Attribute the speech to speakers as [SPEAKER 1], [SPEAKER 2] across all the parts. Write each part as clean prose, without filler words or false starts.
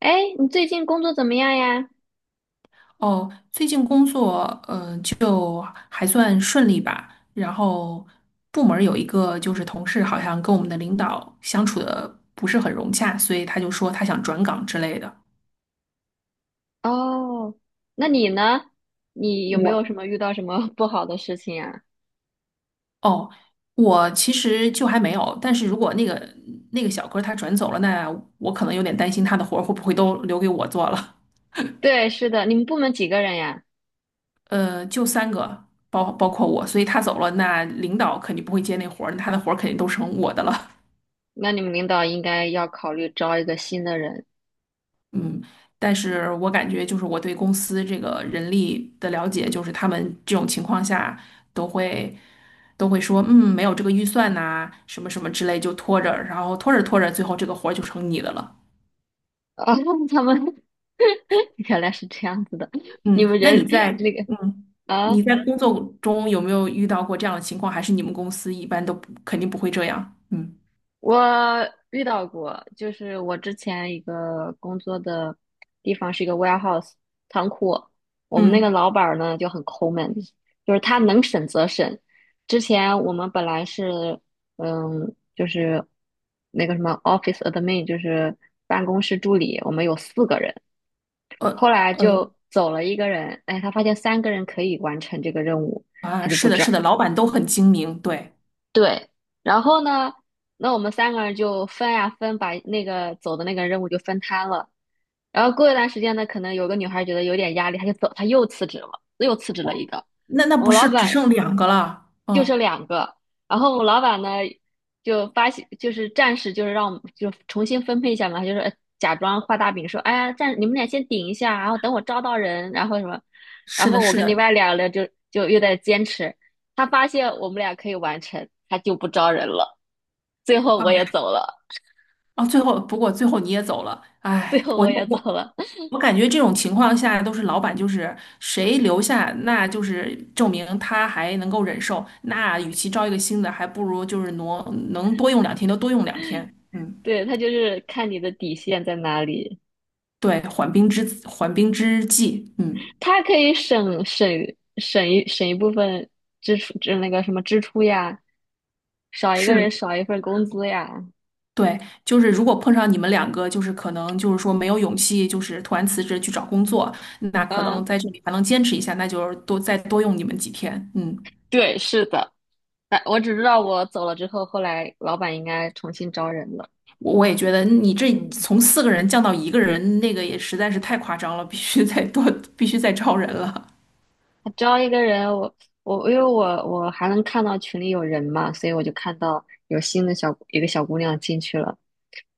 [SPEAKER 1] 哎，你最近工作怎么样呀？
[SPEAKER 2] 哦，最近工作，就还算顺利吧。然后部门儿有一个就是同事好像跟我们的领导相处的不是很融洽，所以他就说他想转岗之类的。
[SPEAKER 1] 哦，那你呢？你有没有
[SPEAKER 2] 我
[SPEAKER 1] 什么遇到什么 不好的事情呀？
[SPEAKER 2] 哦，我其实就还没有，但是如果那个小哥他转走了，那我可能有点担心他的活儿会不会都留给我做了。
[SPEAKER 1] 对，是的，你们部门几个人呀？
[SPEAKER 2] 就三个，包括我，所以他走了，那领导肯定不会接那活儿，那他的活儿肯定都成我的了。
[SPEAKER 1] 那你们领导应该要考虑招一个新的人。
[SPEAKER 2] 嗯，但是我感觉就是我对公司这个人力的了解，就是他们这种情况下都会都会说，没有这个预算呐、什么什么之类，就拖着，然后拖着拖着，最后这个活儿就成你的了。
[SPEAKER 1] 哦，他们 原来是这样子的，你
[SPEAKER 2] 嗯，
[SPEAKER 1] 们
[SPEAKER 2] 那你
[SPEAKER 1] 人
[SPEAKER 2] 在
[SPEAKER 1] 那个
[SPEAKER 2] 嗯你
[SPEAKER 1] 啊。
[SPEAKER 2] 在工作中有没有遇到过这样的情况？还是你们公司一般都不肯定不会这样？嗯
[SPEAKER 1] 我遇到过，就是我之前一个工作的地方是一个 warehouse 仓库，我们那
[SPEAKER 2] 嗯，
[SPEAKER 1] 个老板儿呢就很抠门，就是他能审则审。之前我们本来是，就是那个什么 office admin，就是办公室助理，我们有4个人。后
[SPEAKER 2] 呃
[SPEAKER 1] 来
[SPEAKER 2] 呃
[SPEAKER 1] 就走了一个人，哎，他发现三个人可以完成这个任务，
[SPEAKER 2] 啊，
[SPEAKER 1] 他就不
[SPEAKER 2] 是的，
[SPEAKER 1] 招。
[SPEAKER 2] 是的，老板都很精明。对，
[SPEAKER 1] 对，然后呢，那我们三个人就分呀分，把那个走的那个任务就分摊了。然后过一段时间呢，可能有个女孩觉得有点压力，她就走，她又辞职了，又辞职了一个。
[SPEAKER 2] 那
[SPEAKER 1] 我
[SPEAKER 2] 不
[SPEAKER 1] 们老
[SPEAKER 2] 是只
[SPEAKER 1] 板，
[SPEAKER 2] 剩两个了？
[SPEAKER 1] 就剩
[SPEAKER 2] 嗯，
[SPEAKER 1] 两个，然后我们老板呢就发现，就是暂时就是让我们就重新分配一下嘛，他就是假装画大饼说，哎呀，暂你们俩先顶一下，然后等我招到人，然后什么。然
[SPEAKER 2] 是的，
[SPEAKER 1] 后我
[SPEAKER 2] 是
[SPEAKER 1] 跟另
[SPEAKER 2] 的。
[SPEAKER 1] 外2个人就又在坚持，他发现我们俩可以完成，他就不招人了。最后我也走了，
[SPEAKER 2] 哦，不过最后你也走了。
[SPEAKER 1] 最
[SPEAKER 2] 哎，
[SPEAKER 1] 后
[SPEAKER 2] 我
[SPEAKER 1] 我
[SPEAKER 2] 就
[SPEAKER 1] 也走
[SPEAKER 2] 我
[SPEAKER 1] 了。
[SPEAKER 2] 我感觉这种情况下都是老板，就是谁留下，那就是证明他还能够忍受，那与其招一个新的，还不如就是能多用两天就多用两天。嗯，
[SPEAKER 1] 对，他就是看你的底线在哪里，
[SPEAKER 2] 对，缓兵之计，嗯，
[SPEAKER 1] 他可以省一部分支出，就那个什么支出呀，少一
[SPEAKER 2] 是
[SPEAKER 1] 个人
[SPEAKER 2] 的，
[SPEAKER 1] 少一份工资呀。
[SPEAKER 2] 对。就是如果碰上你们两个，就是可能就是说没有勇气，就是突然辞职去找工作，那可能
[SPEAKER 1] 嗯，
[SPEAKER 2] 在这里还能坚持一下，那就是再多用你们几天。嗯。
[SPEAKER 1] 对，是的。哎，我只知道我走了之后，后来老板应该重新招人了。
[SPEAKER 2] 我也觉得你这
[SPEAKER 1] 嗯，
[SPEAKER 2] 从四个人降到一个人，那个也实在是太夸张了，必须再多，必须再招人了
[SPEAKER 1] 他招一个人。因为我还能看到群里有人嘛，所以我就看到有新的一个小姑娘进去了。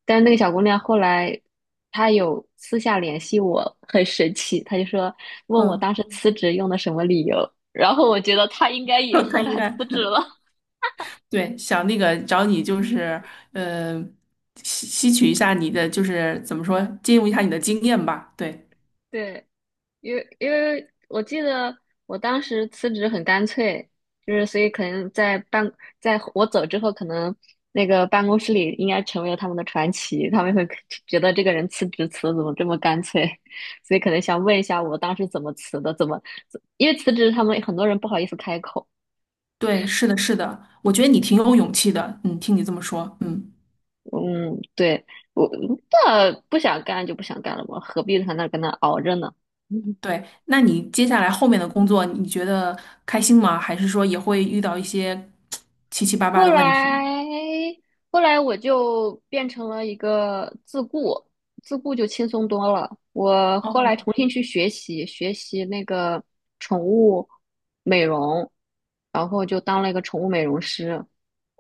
[SPEAKER 1] 但是那个小姑娘后来，她有私下联系我，很神奇，她就说 问我当
[SPEAKER 2] 嗯，
[SPEAKER 1] 时辞职用的什么理由，然后我觉得她应该也
[SPEAKER 2] 他
[SPEAKER 1] 后
[SPEAKER 2] 应
[SPEAKER 1] 来
[SPEAKER 2] 该
[SPEAKER 1] 辞职了。
[SPEAKER 2] 对，想那个找你就是，呃，吸取一下你的就是怎么说，借用一下你的经验吧。对
[SPEAKER 1] 对，因为我记得我当时辞职很干脆，就是所以可能在我走之后，可能那个办公室里应该成为了他们的传奇，他们会觉得这个人辞职辞的怎么这么干脆。所以可能想问一下我当时怎么辞的，怎么，因为辞职他们很多人不好意思开口。
[SPEAKER 2] 对，是的，是的，我觉得你挺有勇气的。嗯，听你这么说。嗯，
[SPEAKER 1] 嗯，对，我那不想干就不想干了嘛，何必在那跟那熬着呢？
[SPEAKER 2] 对。那你接下来后面的工作，你觉得开心吗？还是说也会遇到一些 七七八八
[SPEAKER 1] 后
[SPEAKER 2] 的问题？
[SPEAKER 1] 来，后来我就变成了一个自雇，自雇就轻松多了。我后来
[SPEAKER 2] 哦，
[SPEAKER 1] 重新去学习，学习那个宠物美容，然后就当了一个宠物美容师，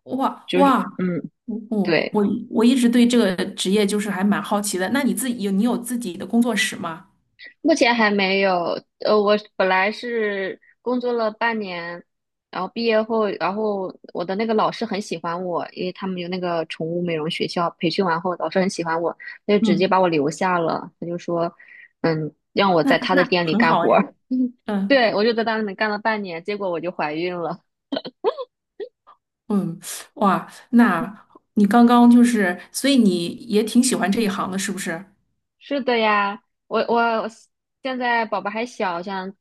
[SPEAKER 2] 哇
[SPEAKER 1] 就是
[SPEAKER 2] 哇，
[SPEAKER 1] 嗯，
[SPEAKER 2] 我我
[SPEAKER 1] 对。
[SPEAKER 2] 我我一直对这个职业就是还蛮好奇的。那你有自己的工作室吗？
[SPEAKER 1] 目前还没有，我本来是工作了半年。然后毕业后，然后我的那个老师很喜欢我，因为他们有那个宠物美容学校，培训完后老师很喜欢我，他就直接
[SPEAKER 2] 嗯，
[SPEAKER 1] 把我留下了，他就说，让我
[SPEAKER 2] 那
[SPEAKER 1] 在他的
[SPEAKER 2] 那
[SPEAKER 1] 店里
[SPEAKER 2] 很
[SPEAKER 1] 干
[SPEAKER 2] 好
[SPEAKER 1] 活
[SPEAKER 2] 哎。
[SPEAKER 1] 儿。
[SPEAKER 2] 嗯
[SPEAKER 1] 对，我就在他那里干了半年，结果我就怀孕了。
[SPEAKER 2] 嗯，哇，那你刚刚就是，所以你也挺喜欢这一行的，是不是？
[SPEAKER 1] 是的呀，我现在宝宝还小，想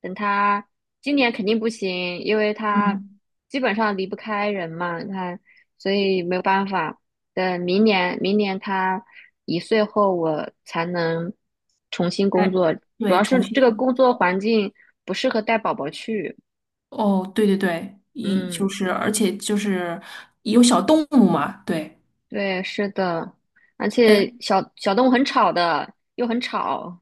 [SPEAKER 1] 等他今年肯定不行，因为他
[SPEAKER 2] 嗯，
[SPEAKER 1] 基本上离不开人嘛，他所以没有办法。等明年，明年他1岁后，我才能重新工
[SPEAKER 2] 哎，
[SPEAKER 1] 作。主
[SPEAKER 2] 对，
[SPEAKER 1] 要
[SPEAKER 2] 重
[SPEAKER 1] 是这个工
[SPEAKER 2] 新，
[SPEAKER 1] 作环境不适合带宝宝去。
[SPEAKER 2] 哦，对对对，就
[SPEAKER 1] 嗯，
[SPEAKER 2] 是，而且就是有小动物嘛。对，
[SPEAKER 1] 对，是的，而
[SPEAKER 2] 哎，
[SPEAKER 1] 且小小动物很吵的，又很吵。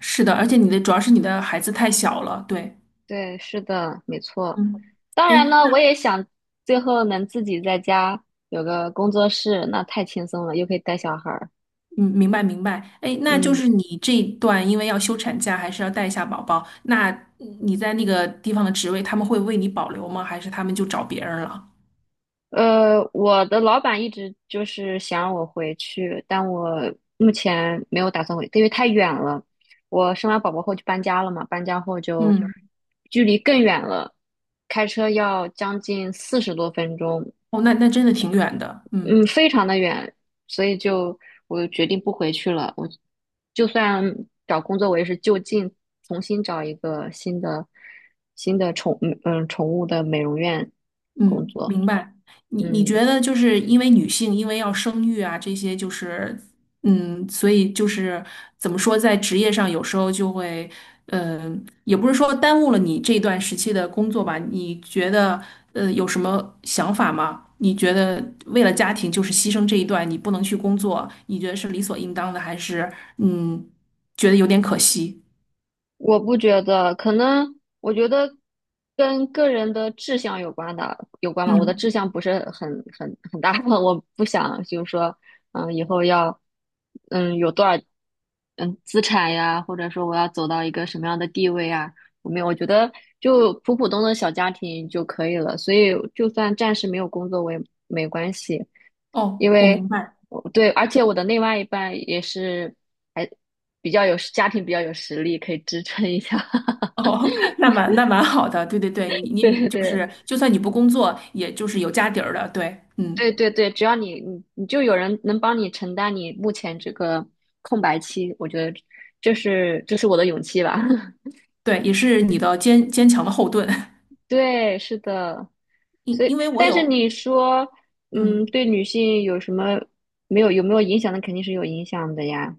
[SPEAKER 2] 是的，而且主要是你的孩子太小了。对，
[SPEAKER 1] 对，是的，没错。
[SPEAKER 2] 嗯，
[SPEAKER 1] 当然
[SPEAKER 2] 哎，
[SPEAKER 1] 呢，我
[SPEAKER 2] 那。
[SPEAKER 1] 也想最后能自己在家有个工作室，那太轻松了，又可以带小孩儿。
[SPEAKER 2] 嗯，明白明白。哎，那就
[SPEAKER 1] 嗯，
[SPEAKER 2] 是你这一段因为要休产假，还是要带一下宝宝，那你在那个地方的职位，他们会为你保留吗？还是他们就找别人了？
[SPEAKER 1] 我的老板一直就是想让我回去，但我目前没有打算回，因为太远了。我生完宝宝后就搬家了嘛，搬家后就
[SPEAKER 2] 嗯，
[SPEAKER 1] 距离更远了，开车要将近40多分钟。
[SPEAKER 2] 哦，那真的挺远的。嗯。
[SPEAKER 1] 嗯，非常的远，所以就我决定不回去了。我就算找工作，我也是就近重新找一个新的新的宠嗯嗯宠物的美容院工
[SPEAKER 2] 嗯，
[SPEAKER 1] 作。
[SPEAKER 2] 明白。你
[SPEAKER 1] 嗯。
[SPEAKER 2] 觉得就是因为女性因为要生育啊，这些就是所以就是怎么说，在职业上有时候就会，也不是说耽误了你这段时期的工作吧？你觉得有什么想法吗？你觉得为了家庭就是牺牲这一段，你不能去工作，你觉得是理所应当的，还是嗯觉得有点可惜？
[SPEAKER 1] 我不觉得，可能我觉得跟个人的志向有关的，有关吧。我的志
[SPEAKER 2] 嗯，
[SPEAKER 1] 向不是很大。我不想就是说，以后要，有多少，资产呀，或者说我要走到一个什么样的地位啊，我没有，我觉得就普普通的小家庭就可以了。所以就算暂时没有工作，我也没关系。因
[SPEAKER 2] 哦，我
[SPEAKER 1] 为
[SPEAKER 2] 明白。
[SPEAKER 1] 我对，而且我的另外一半也是。比较有家庭比较有实力，可以支撑一下。
[SPEAKER 2] 哦，那蛮好的，对对对，你
[SPEAKER 1] 对
[SPEAKER 2] 你
[SPEAKER 1] 对
[SPEAKER 2] 就
[SPEAKER 1] 对
[SPEAKER 2] 是，就算你不工作，也就是有家底儿的。对，嗯，
[SPEAKER 1] 对对对，只要你就有人能帮你承担你目前这个空白期，我觉得这是我的勇气吧。
[SPEAKER 2] 对，也是你的坚强的后盾。
[SPEAKER 1] 对，是的。
[SPEAKER 2] 因
[SPEAKER 1] 所以，
[SPEAKER 2] 因为我
[SPEAKER 1] 但是
[SPEAKER 2] 有，
[SPEAKER 1] 你说，
[SPEAKER 2] 嗯
[SPEAKER 1] 对女性有没有影响？那肯定是有影响的呀。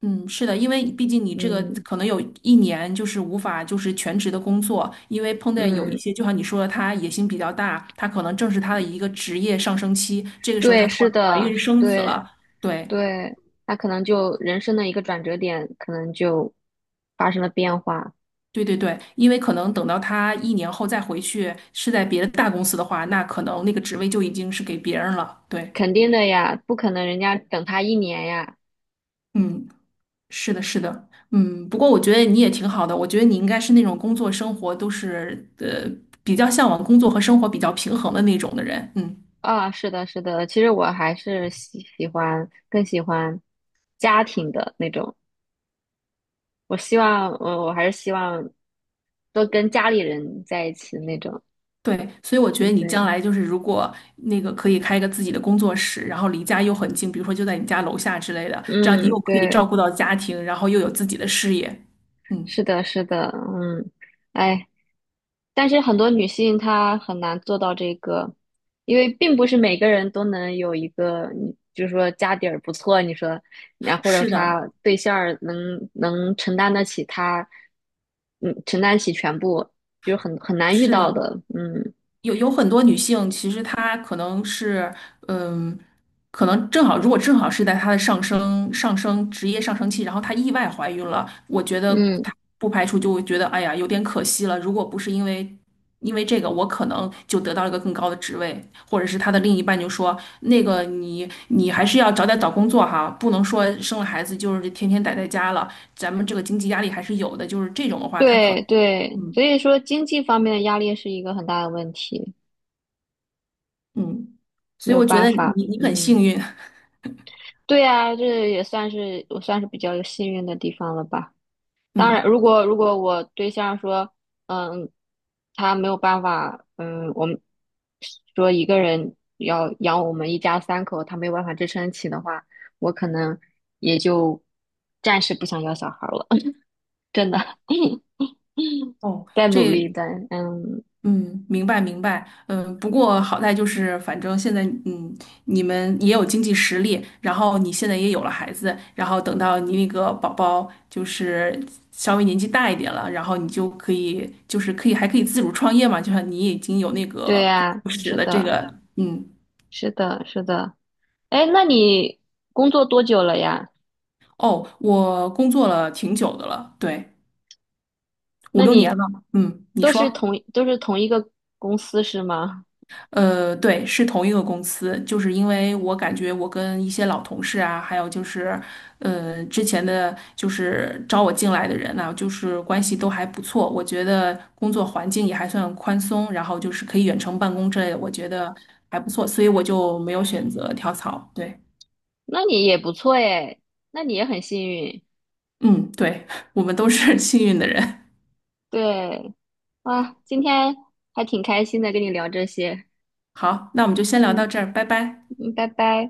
[SPEAKER 2] 嗯，是的，因为毕竟你这个
[SPEAKER 1] 嗯
[SPEAKER 2] 可能有一年就是无法就是全职的工作，因为碰见有一
[SPEAKER 1] 嗯，
[SPEAKER 2] 些，就像你说的，他野心比较大，他可能正是他的一个职业上升期，这个时候他
[SPEAKER 1] 对，
[SPEAKER 2] 突
[SPEAKER 1] 是
[SPEAKER 2] 然怀
[SPEAKER 1] 的，
[SPEAKER 2] 孕
[SPEAKER 1] 是，
[SPEAKER 2] 生子
[SPEAKER 1] 对
[SPEAKER 2] 了。对，
[SPEAKER 1] 对，那可能就人生的一个转折点，可能就发生了变化。
[SPEAKER 2] 对对对，因为可能等到他一年后再回去，是在别的大公司的话，那可能那个职位就已经是给别人了。对，
[SPEAKER 1] 肯定的呀，不可能人家等他一年呀。
[SPEAKER 2] 嗯，是的，是的。嗯。不过我觉得你也挺好的，我觉得你应该是那种工作生活都是比较向往工作和生活比较平衡的那种的人。嗯，
[SPEAKER 1] 啊，是的，是的，其实我还是喜欢更喜欢家庭的那种。我还是希望多跟家里人在一起那种。
[SPEAKER 2] 对，所以我觉得
[SPEAKER 1] 嗯，
[SPEAKER 2] 你将
[SPEAKER 1] 对，
[SPEAKER 2] 来就是如果那个可以开一个自己的工作室，然后离家又很近，比如说就在你家楼下之类的，这样你
[SPEAKER 1] 嗯，
[SPEAKER 2] 又可以
[SPEAKER 1] 对。
[SPEAKER 2] 照顾到家庭，然后又有自己的事业。嗯，
[SPEAKER 1] 是的，是的，嗯，哎，但是很多女性她很难做到这个，因为并不是每个人都能有一个，你就是说家底儿不错，你说，然后或者
[SPEAKER 2] 是的，
[SPEAKER 1] 她对象儿能承担得起她，嗯，承担起全部，就是很难遇
[SPEAKER 2] 是
[SPEAKER 1] 到
[SPEAKER 2] 的。
[SPEAKER 1] 的，嗯
[SPEAKER 2] 有很多女性，其实她可能是，嗯，可能正好，如果正好是在她的上升职业上升期，然后她意外怀孕了，我觉得她
[SPEAKER 1] 嗯，
[SPEAKER 2] 不排除就会觉得，哎呀，有点可惜了。如果不是因为这个，我可能就得到了一个更高的职位，或者是她的另一半就说，那个你还是要早点找工作哈，不能说生了孩子就是天天待在家了，咱们这个经济压力还是有的。就是这种的话，她可
[SPEAKER 1] 对对，
[SPEAKER 2] 嗯
[SPEAKER 1] 所以说经济方面的压力是一个很大的问题，
[SPEAKER 2] 嗯，所
[SPEAKER 1] 没
[SPEAKER 2] 以
[SPEAKER 1] 有
[SPEAKER 2] 我觉
[SPEAKER 1] 办
[SPEAKER 2] 得
[SPEAKER 1] 法，
[SPEAKER 2] 你很
[SPEAKER 1] 嗯。
[SPEAKER 2] 幸运。
[SPEAKER 1] 对啊，这也算是我算是比较幸运的地方了吧。当然，
[SPEAKER 2] 嗯，
[SPEAKER 1] 如果我对象说，嗯，他没有办法，我们说一个人要养我们一家三口，他没有办法支撑起的话，我可能也就暂时不想要小孩了。真的。
[SPEAKER 2] 哦，
[SPEAKER 1] 在努力
[SPEAKER 2] 这。
[SPEAKER 1] 的，嗯，
[SPEAKER 2] 嗯，明白明白。嗯，不过好在就是，反正现在，嗯，你们也有经济实力，然后你现在也有了孩子，然后等到你那个宝宝就是稍微年纪大一点了，然后你就可以，就是可以还可以自主创业嘛，就像你已经有那
[SPEAKER 1] 对
[SPEAKER 2] 个工
[SPEAKER 1] 呀，
[SPEAKER 2] 作室
[SPEAKER 1] 是
[SPEAKER 2] 的这
[SPEAKER 1] 的，
[SPEAKER 2] 个。嗯，
[SPEAKER 1] 是的，是的。哎，那你工作多久了呀？
[SPEAKER 2] 哦，我工作了挺久的了。对，五
[SPEAKER 1] 那
[SPEAKER 2] 六年
[SPEAKER 1] 你
[SPEAKER 2] 了。嗯，你
[SPEAKER 1] 都是
[SPEAKER 2] 说。
[SPEAKER 1] 同都是同一个公司是吗？
[SPEAKER 2] 对，是同一个公司，就是因为我感觉我跟一些老同事啊，还有就是，之前的就是招我进来的人啊，就是关系都还不错，我觉得工作环境也还算宽松，然后就是可以远程办公之类的，我觉得还不错，所以我就没有选择跳槽。对，
[SPEAKER 1] 那你也不错诶，那你也很幸运。
[SPEAKER 2] 嗯，对，我们都是 幸运的人。
[SPEAKER 1] 对啊，今天还挺开心的，跟你聊这些。
[SPEAKER 2] 好，那我们就先聊到
[SPEAKER 1] 嗯
[SPEAKER 2] 这儿，拜拜。
[SPEAKER 1] 嗯，拜拜。